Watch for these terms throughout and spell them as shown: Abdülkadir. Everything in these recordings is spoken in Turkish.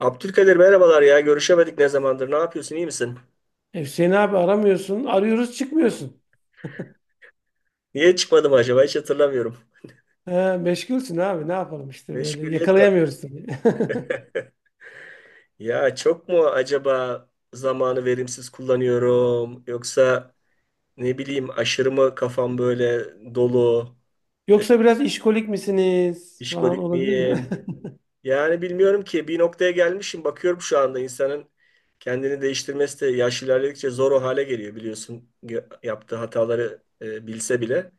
Abdülkadir merhabalar ya. Görüşemedik ne zamandır. Ne yapıyorsun? İyi misin? Hüseyin abi aramıyorsun. Arıyoruz çıkmıyorsun. Niye çıkmadım acaba? Hiç hatırlamıyorum. He, meşgulsün abi ne yapalım işte böyle Meşguliyet var. yakalayamıyoruz tabii. Ya çok mu acaba zamanı verimsiz kullanıyorum? Yoksa ne bileyim aşırı mı kafam böyle dolu? E, Yoksa biraz işkolik misiniz falan işkolik olabilir mi? miyim? Yani bilmiyorum ki. Bir noktaya gelmişim. Bakıyorum şu anda insanın kendini değiştirmesi de yaş ilerledikçe zor o hale geliyor biliyorsun. Yaptığı hataları bilse bile.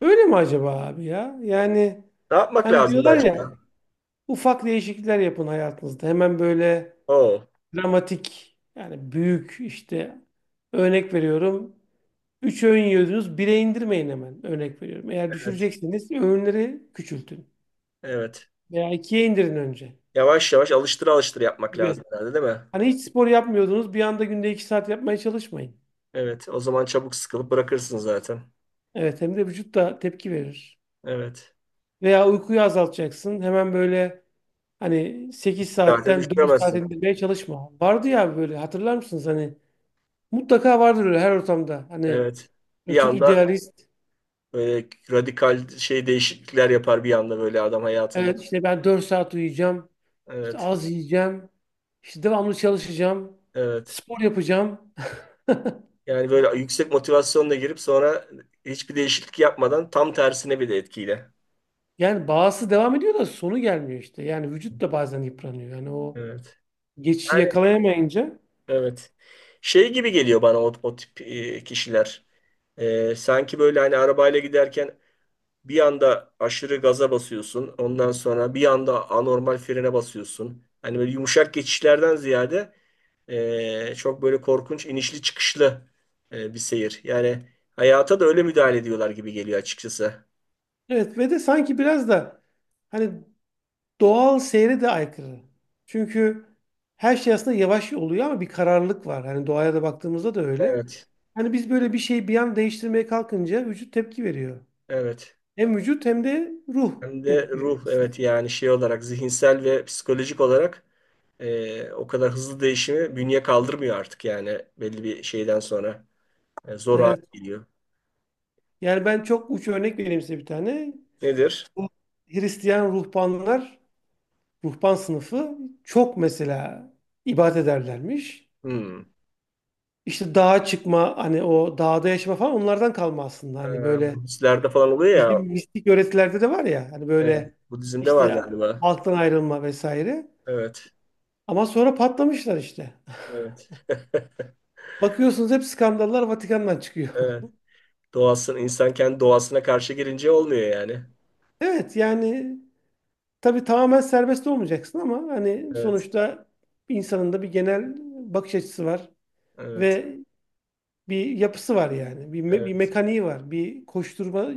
Öyle mi acaba abi ya? Yani Ne yapmak hani lazım da diyorlar acaba? ya ufak değişiklikler yapın hayatınızda. Hemen böyle Oo, dramatik yani büyük işte örnek veriyorum. 3 öğün yiyordunuz 1'e indirmeyin hemen örnek veriyorum. Eğer evet. düşüreceksiniz öğünleri küçültün Evet. veya ikiye indirin önce. Yavaş yavaş alıştır alıştır yapmak lazım Gibi. herhalde, değil mi? Hani hiç spor yapmıyordunuz, bir anda günde 2 saat yapmaya çalışmayın. Evet. O zaman çabuk sıkılıp bırakırsın zaten. Evet, hem de vücut da tepki verir. Evet. Veya uykuyu azaltacaksın. Hemen böyle hani 8 Zaten saatten 4 saat düşüremezsin. indirmeye çalışma. Vardı ya böyle hatırlar mısınız? Hani mutlaka vardır öyle her ortamda. Hani Evet. Bir böyle çok anda idealist. böyle radikal şey değişiklikler yapar bir anda böyle adam hayatında. Evet işte ben 4 saat uyuyacağım. İşte Evet. az yiyeceğim. İşte devamlı çalışacağım. Evet. Spor yapacağım. Yani böyle yüksek motivasyonla girip sonra hiçbir değişiklik yapmadan tam tersine bir de etkiyle. Yani bağısı devam ediyor da sonu gelmiyor işte. Yani vücut da bazen yıpranıyor. Yani o Evet. geçişi Yani yakalayamayınca evet. Şey gibi geliyor bana o tip kişiler. Sanki böyle hani arabayla giderken bir anda aşırı gaza basıyorsun. Ondan sonra bir anda anormal frene basıyorsun. Hani böyle yumuşak geçişlerden ziyade çok böyle korkunç inişli çıkışlı bir seyir. Yani hayata da öyle müdahale ediyorlar gibi geliyor açıkçası. evet ve de sanki biraz da hani doğal seyre de aykırı. Çünkü her şey aslında yavaş oluyor ama bir kararlılık var. Hani doğaya da baktığımızda da öyle. Evet, Hani biz böyle bir şeyi bir an değiştirmeye kalkınca vücut tepki veriyor. evet. Hem vücut hem de ruh Hem de tepki veriyor ruh, aslında. evet, yani şey olarak zihinsel ve psikolojik olarak o kadar hızlı değişimi bünye kaldırmıyor artık yani belli bir şeyden sonra. Zor hale Evet. geliyor. Yani ben çok uç örnek vereyim size bir tane. Nedir? Bu Hristiyan ruhbanlar, ruhban sınıfı çok mesela ibadet ederlermiş. Hmm. İşte dağa çıkma hani o dağda yaşama falan onlardan kalma aslında. E, Hani böyle Budistlerde falan oluyor ya. bizim mistik öğretilerde de var ya hani Evet, böyle bu dizinde var işte galiba. halktan ayrılma vesaire. Evet. Ama sonra patlamışlar işte. Evet. Bakıyorsunuz hep skandallar Vatikan'dan çıkıyor. Evet. Doğasını, insan kendi doğasına karşı girince olmuyor yani. Evet yani tabii tamamen serbest olmayacaksın ama hani Evet. sonuçta insanın da bir genel bakış açısı var Evet. ve bir yapısı var yani. Bir, bir Evet. mekaniği var, bir koşturma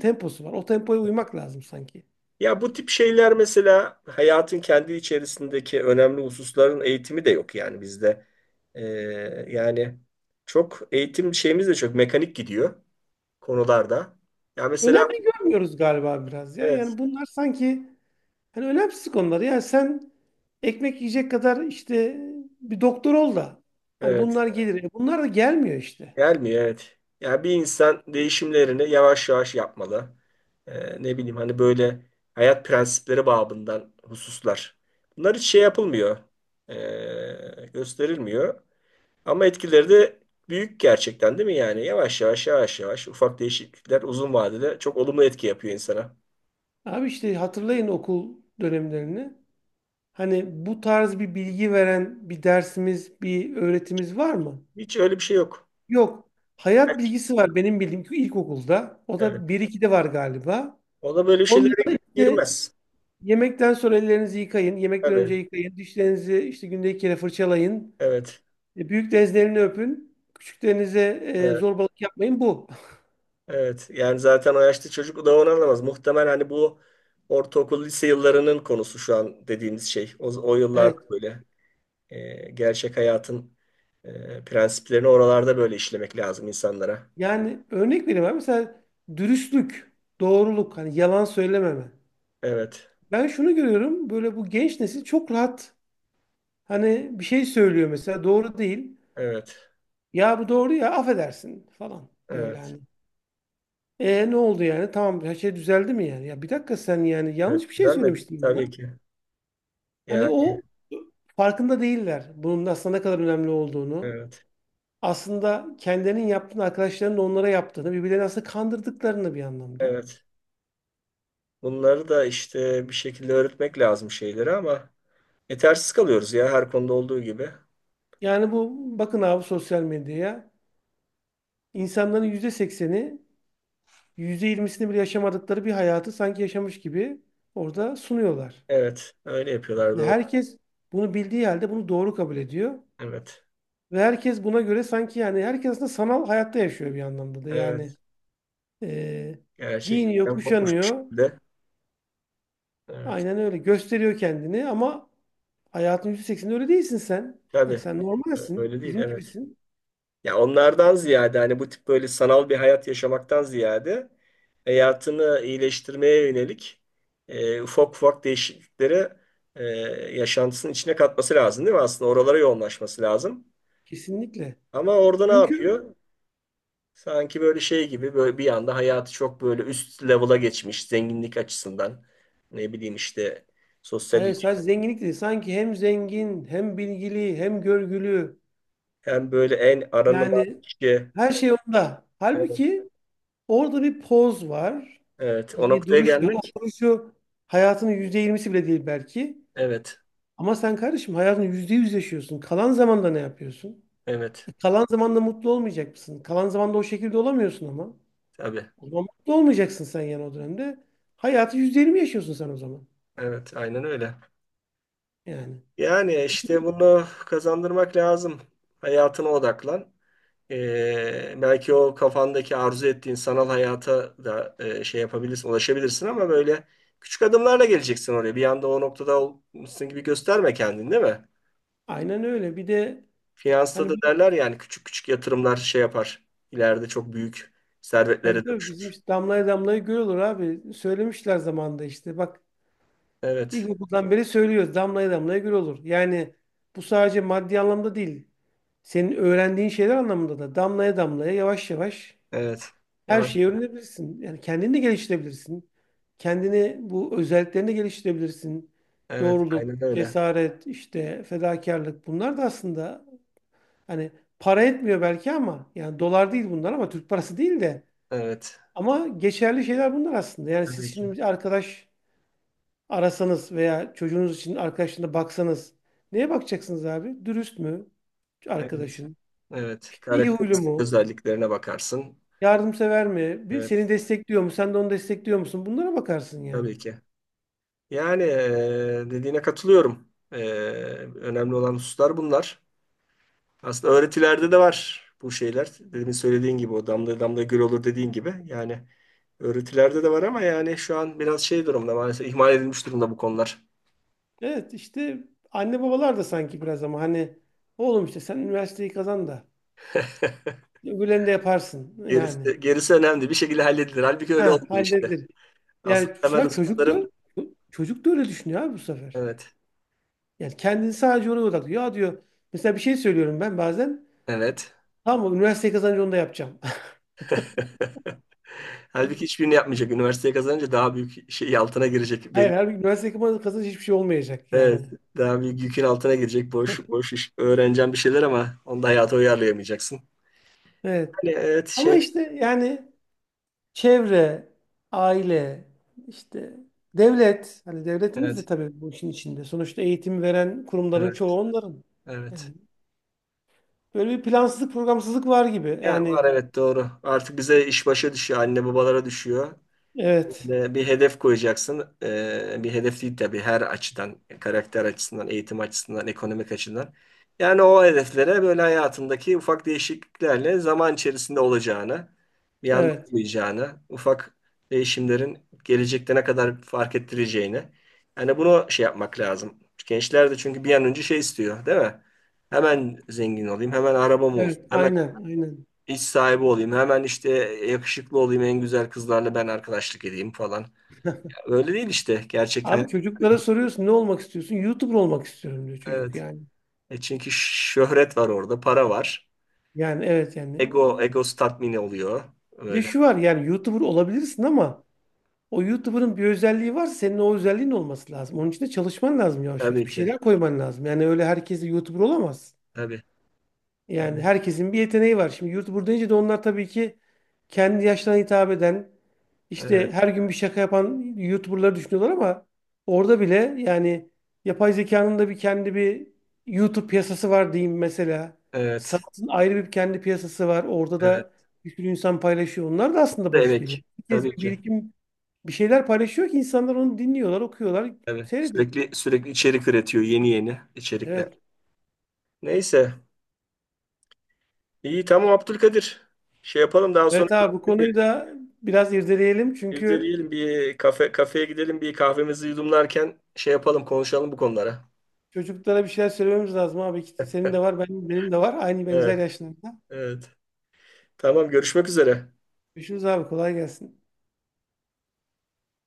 temposu var. O tempoya uymak lazım sanki. Ya bu tip şeyler mesela hayatın kendi içerisindeki önemli hususların eğitimi de yok yani bizde. Ee, yani çok eğitim şeyimiz de çok mekanik gidiyor konularda. Ya mesela Önemli görmüyoruz galiba biraz ya. evet. Yani bunlar sanki hani önemsiz konular. Yani sen ekmek yiyecek kadar işte bir doktor ol da hani Evet. bunlar gelir. Bunlar da gelmiyor işte. Gelmiyor, evet. Ya bir insan değişimlerini yavaş yavaş yapmalı. Ne bileyim hani böyle hayat prensipleri babından hususlar. Bunlar hiç şey yapılmıyor. Gösterilmiyor. Ama etkileri de büyük gerçekten, değil mi yani? Yavaş yavaş yavaş yavaş ufak değişiklikler uzun vadede çok olumlu etki yapıyor insana. Abi işte hatırlayın okul dönemlerini. Hani bu tarz bir bilgi veren bir dersimiz, bir öğretimiz var mı? Hiç öyle bir şey yok. Yok. Hayat bilgisi var benim bildiğim ki ilkokulda. O Evet. da 1-2'de var galiba. Ona böyle Onda şeylere da işte girmez. yemekten sonra ellerinizi yıkayın. Yemekten Tabii. önce yıkayın. Dişlerinizi işte günde 2 kere fırçalayın. Evet. Büyük denizlerini öpün. Küçüklerinize Evet. zorbalık yapmayın. Bu. Evet yani zaten o yaşta çocuk da onu anlamaz. Muhtemel hani bu ortaokul lise yıllarının konusu şu an dediğimiz şey. O yıllarda Evet. böyle gerçek hayatın prensiplerini oralarda böyle işlemek lazım insanlara. Yani örnek vereyim abi. Mesela dürüstlük, doğruluk, hani yalan söylememe. Evet, Ben şunu görüyorum. Böyle bu genç nesil çok rahat. Hani bir şey söylüyor mesela doğru değil. evet, Ya bu doğru ya affedersin falan. Böyle evet, hani. Ne oldu yani? Tamam her şey düzeldi mi yani? Ya bir dakika sen yani evet. yanlış bir şey Güzel mi? söylemiştin Tabii bana. ki. Hani Yani o farkında değiller bunun aslında ne kadar önemli olduğunu. evet, Aslında kendilerinin yaptığını, arkadaşlarının da onlara yaptığını, birbirlerini aslında kandırdıklarını bir anlamda. evet. Bunları da işte bir şekilde öğretmek lazım şeyleri ama yetersiz kalıyoruz ya, her konuda olduğu gibi. Yani bu bakın abi sosyal medyaya insanların %80'i yüzde yirmisini bile yaşamadıkları bir hayatı sanki yaşamış gibi orada sunuyorlar. Evet, öyle yapıyorlar, doğru. Herkes bunu bildiği halde bunu doğru kabul ediyor. Evet, Ve herkes buna göre sanki yani herkes aslında sanal hayatta yaşıyor bir anlamda da. Yani evet. e, giyiniyor, Gerçekten kopmuş bir kuşanıyor. şekilde. Evet. Aynen öyle. Gösteriyor kendini ama hayatın %80'inde öyle değilsin sen. Yani Tabii. sen normalsin. öyle değil. Bizim Evet. gibisin. Ya onlardan ziyade hani bu tip böyle sanal bir hayat yaşamaktan ziyade hayatını iyileştirmeye yönelik ufak ufak değişikliklere e, yaşantısının içine katması lazım, değil mi? Aslında oralara yoğunlaşması lazım. Kesinlikle. Ama orada ne Çünkü yapıyor? Sanki böyle şey gibi böyle bir anda hayatı çok böyle üst level'a geçmiş zenginlik açısından. Ne bileyim işte sosyal hayır ilişki- sadece zenginlik değil. Sanki hem zengin, hem bilgili, hem görgülü. hem böyle en aranılan Yani kişi. her şey onda. Evet, Halbuki orada bir poz var. evet. O Bir noktaya duruş var. O gelmek. duruşu hayatının %20'si bile değil belki. Evet, Ama sen kardeşim hayatını %100 yaşıyorsun. Kalan zamanda ne yapıyorsun? evet. Kalan zamanda mutlu olmayacak mısın? Kalan zamanda o şekilde olamıyorsun ama. Tabii. O zaman mutlu olmayacaksın sen yani o dönemde. Hayatı %20 yaşıyorsun sen o zaman. Evet, aynen öyle. Yani. Yani işte bunu kazandırmak lazım. Hayatına odaklan. Belki o kafandaki arzu ettiğin sanal hayata da şey yapabilirsin, ulaşabilirsin ama böyle küçük adımlarla geleceksin oraya. Bir anda o noktada olmuşsun gibi gösterme kendini, değil mi? Aynen öyle. Bir de Finansta hani da derler yani küçük küçük yatırımlar şey yapar. İleride çok büyük servetlere tabii tabii bizim dönüşür. işte damlaya damlaya göl olur abi. Söylemişler zamanında işte. Bak Evet, ilkokuldan beri söylüyoruz. Damlaya damlaya göl olur. Yani bu sadece maddi anlamda değil. Senin öğrendiğin şeyler anlamında da damlaya damlaya yavaş yavaş evet. her Yavaş. şeyi öğrenebilirsin. Yani kendini de geliştirebilirsin. Kendini bu özelliklerini geliştirebilirsin. Evet, Doğruluk, aynen öyle. cesaret, işte fedakarlık bunlar da aslında hani para etmiyor belki ama yani dolar değil bunlar ama Türk parası değil de Evet. ama geçerli şeyler bunlar aslında. Yani siz Tabii ki. şimdi bir arkadaş arasanız veya çocuğunuz için arkadaşına baksanız neye bakacaksınız abi? Dürüst mü Evet. arkadaşın? Evet. İşte iyi huylu Karakteristik mu? özelliklerine bakarsın. Yardımsever mi? Bir, seni Evet. destekliyor mu? Sen de onu destekliyor musun? Bunlara bakarsın Tabii yani. ki. Yani dediğine katılıyorum. Önemli olan hususlar bunlar. Aslında öğretilerde de var bu şeyler. Demin söylediğin gibi o damla damla göl olur dediğin gibi. Yani öğretilerde de var ama yani şu an biraz şey durumda, maalesef ihmal edilmiş durumda bu konular. Evet işte anne babalar da sanki biraz ama hani oğlum işte sen üniversiteyi kazan da öbürlerini de yaparsın yani. Gerisi, gerisi önemli. Bir şekilde halledilir. Halbuki öyle Ha olmuyor işte. halledilir. Asıl Yani bu temel sefer çocuk da hususların çocuk da öyle düşünüyor abi bu sefer. evet. Yani kendini sadece ona odaklıyor. Ya diyor mesela bir şey söylüyorum ben bazen. Evet. Tamam mı? Üniversiteyi kazanınca onu da yapacağım. Halbuki hiçbirini yapmayacak. Üniversiteyi kazanınca daha büyük şey altına girecek. Hayır, Belli. halbuki üniversiteyi kazanınca hiçbir şey olmayacak Evet, yani. daha büyük yükün altına girecek. Boş boş iş. Öğreneceğim bir şeyler ama onu da hayata uyarlayamayacaksın. Evet. Hani evet Ama şey işte yani çevre, aile, işte devlet. Hani devletimiz de evet tabii bu işin içinde. Sonuçta eğitim veren kurumların evet çoğu onların. evet. Yani böyle bir plansızlık, programsızlık var gibi. Ya var, Yani evet, doğru. Artık bize iş başa düşüyor. Anne babalara düşüyor. evet, Ve bir hedef koyacaksın. Bir hedef değil tabii, her açıdan, karakter açısından, eğitim açısından, ekonomik açıdan. Yani o hedeflere böyle hayatındaki ufak değişikliklerle zaman içerisinde olacağını, bir anda evet, olmayacağını, ufak değişimlerin gelecekte ne kadar fark ettireceğini. Yani bunu şey yapmak lazım. Gençler de çünkü bir an önce şey istiyor, değil mi? Hemen zengin olayım, hemen arabam olsun, evet, hemen aynen, aynen. iş sahibi olayım, hemen işte yakışıklı olayım, en güzel kızlarla ben arkadaşlık edeyim falan. Öyle değil işte gerçek Abi hayat. çocuklara soruyorsun ne olmak istiyorsun? YouTuber olmak istiyorum diyor çocuk Evet. yani. E çünkü şöhret var orada, para var. Yani evet yani. Ego, ego tatmini oluyor. Bir de Öyle. şu var yani YouTuber olabilirsin ama o YouTuber'ın bir özelliği var senin o özelliğin olması lazım. Onun için de çalışman lazım yavaş yavaş. Tabii Bir ki. şeyler koyman lazım. Yani öyle herkes de YouTuber olamaz. Tabii. Yani Evet. herkesin bir yeteneği var. Şimdi yurt buradayınca da onlar tabii ki kendi yaşlarına hitap eden, işte her gün bir şaka yapan YouTuber'ları düşünüyorlar ama orada bile yani yapay zekanın da bir kendi bir YouTube piyasası var diyeyim mesela. Evet. Sanatın ayrı bir kendi piyasası var. Orada Evet. da bir sürü insan paylaşıyor. Onlar da aslında Ve boş değil. emek. Herkes Tabii bir ki. birikim bir şeyler paylaşıyor ki insanlar onu dinliyorlar, okuyorlar, Tabii. seyrediyor. Sürekli sürekli içerik üretiyor, yeni yeni içerikler. Evet. Neyse. İyi, tamam Abdülkadir. Şey yapalım daha sonra Evet abi bu konuyu da biraz irdeleyelim çünkü yüzdeleyelim bir kafeye gidelim bir kahvemizi yudumlarken şey yapalım, konuşalım bu konulara. çocuklara bir şeyler söylememiz lazım abi. Senin de var, benim de var. Aynı benzer Evet. yaşlarda. Evet. Tamam, görüşmek üzere. Görüşürüz abi. Kolay gelsin.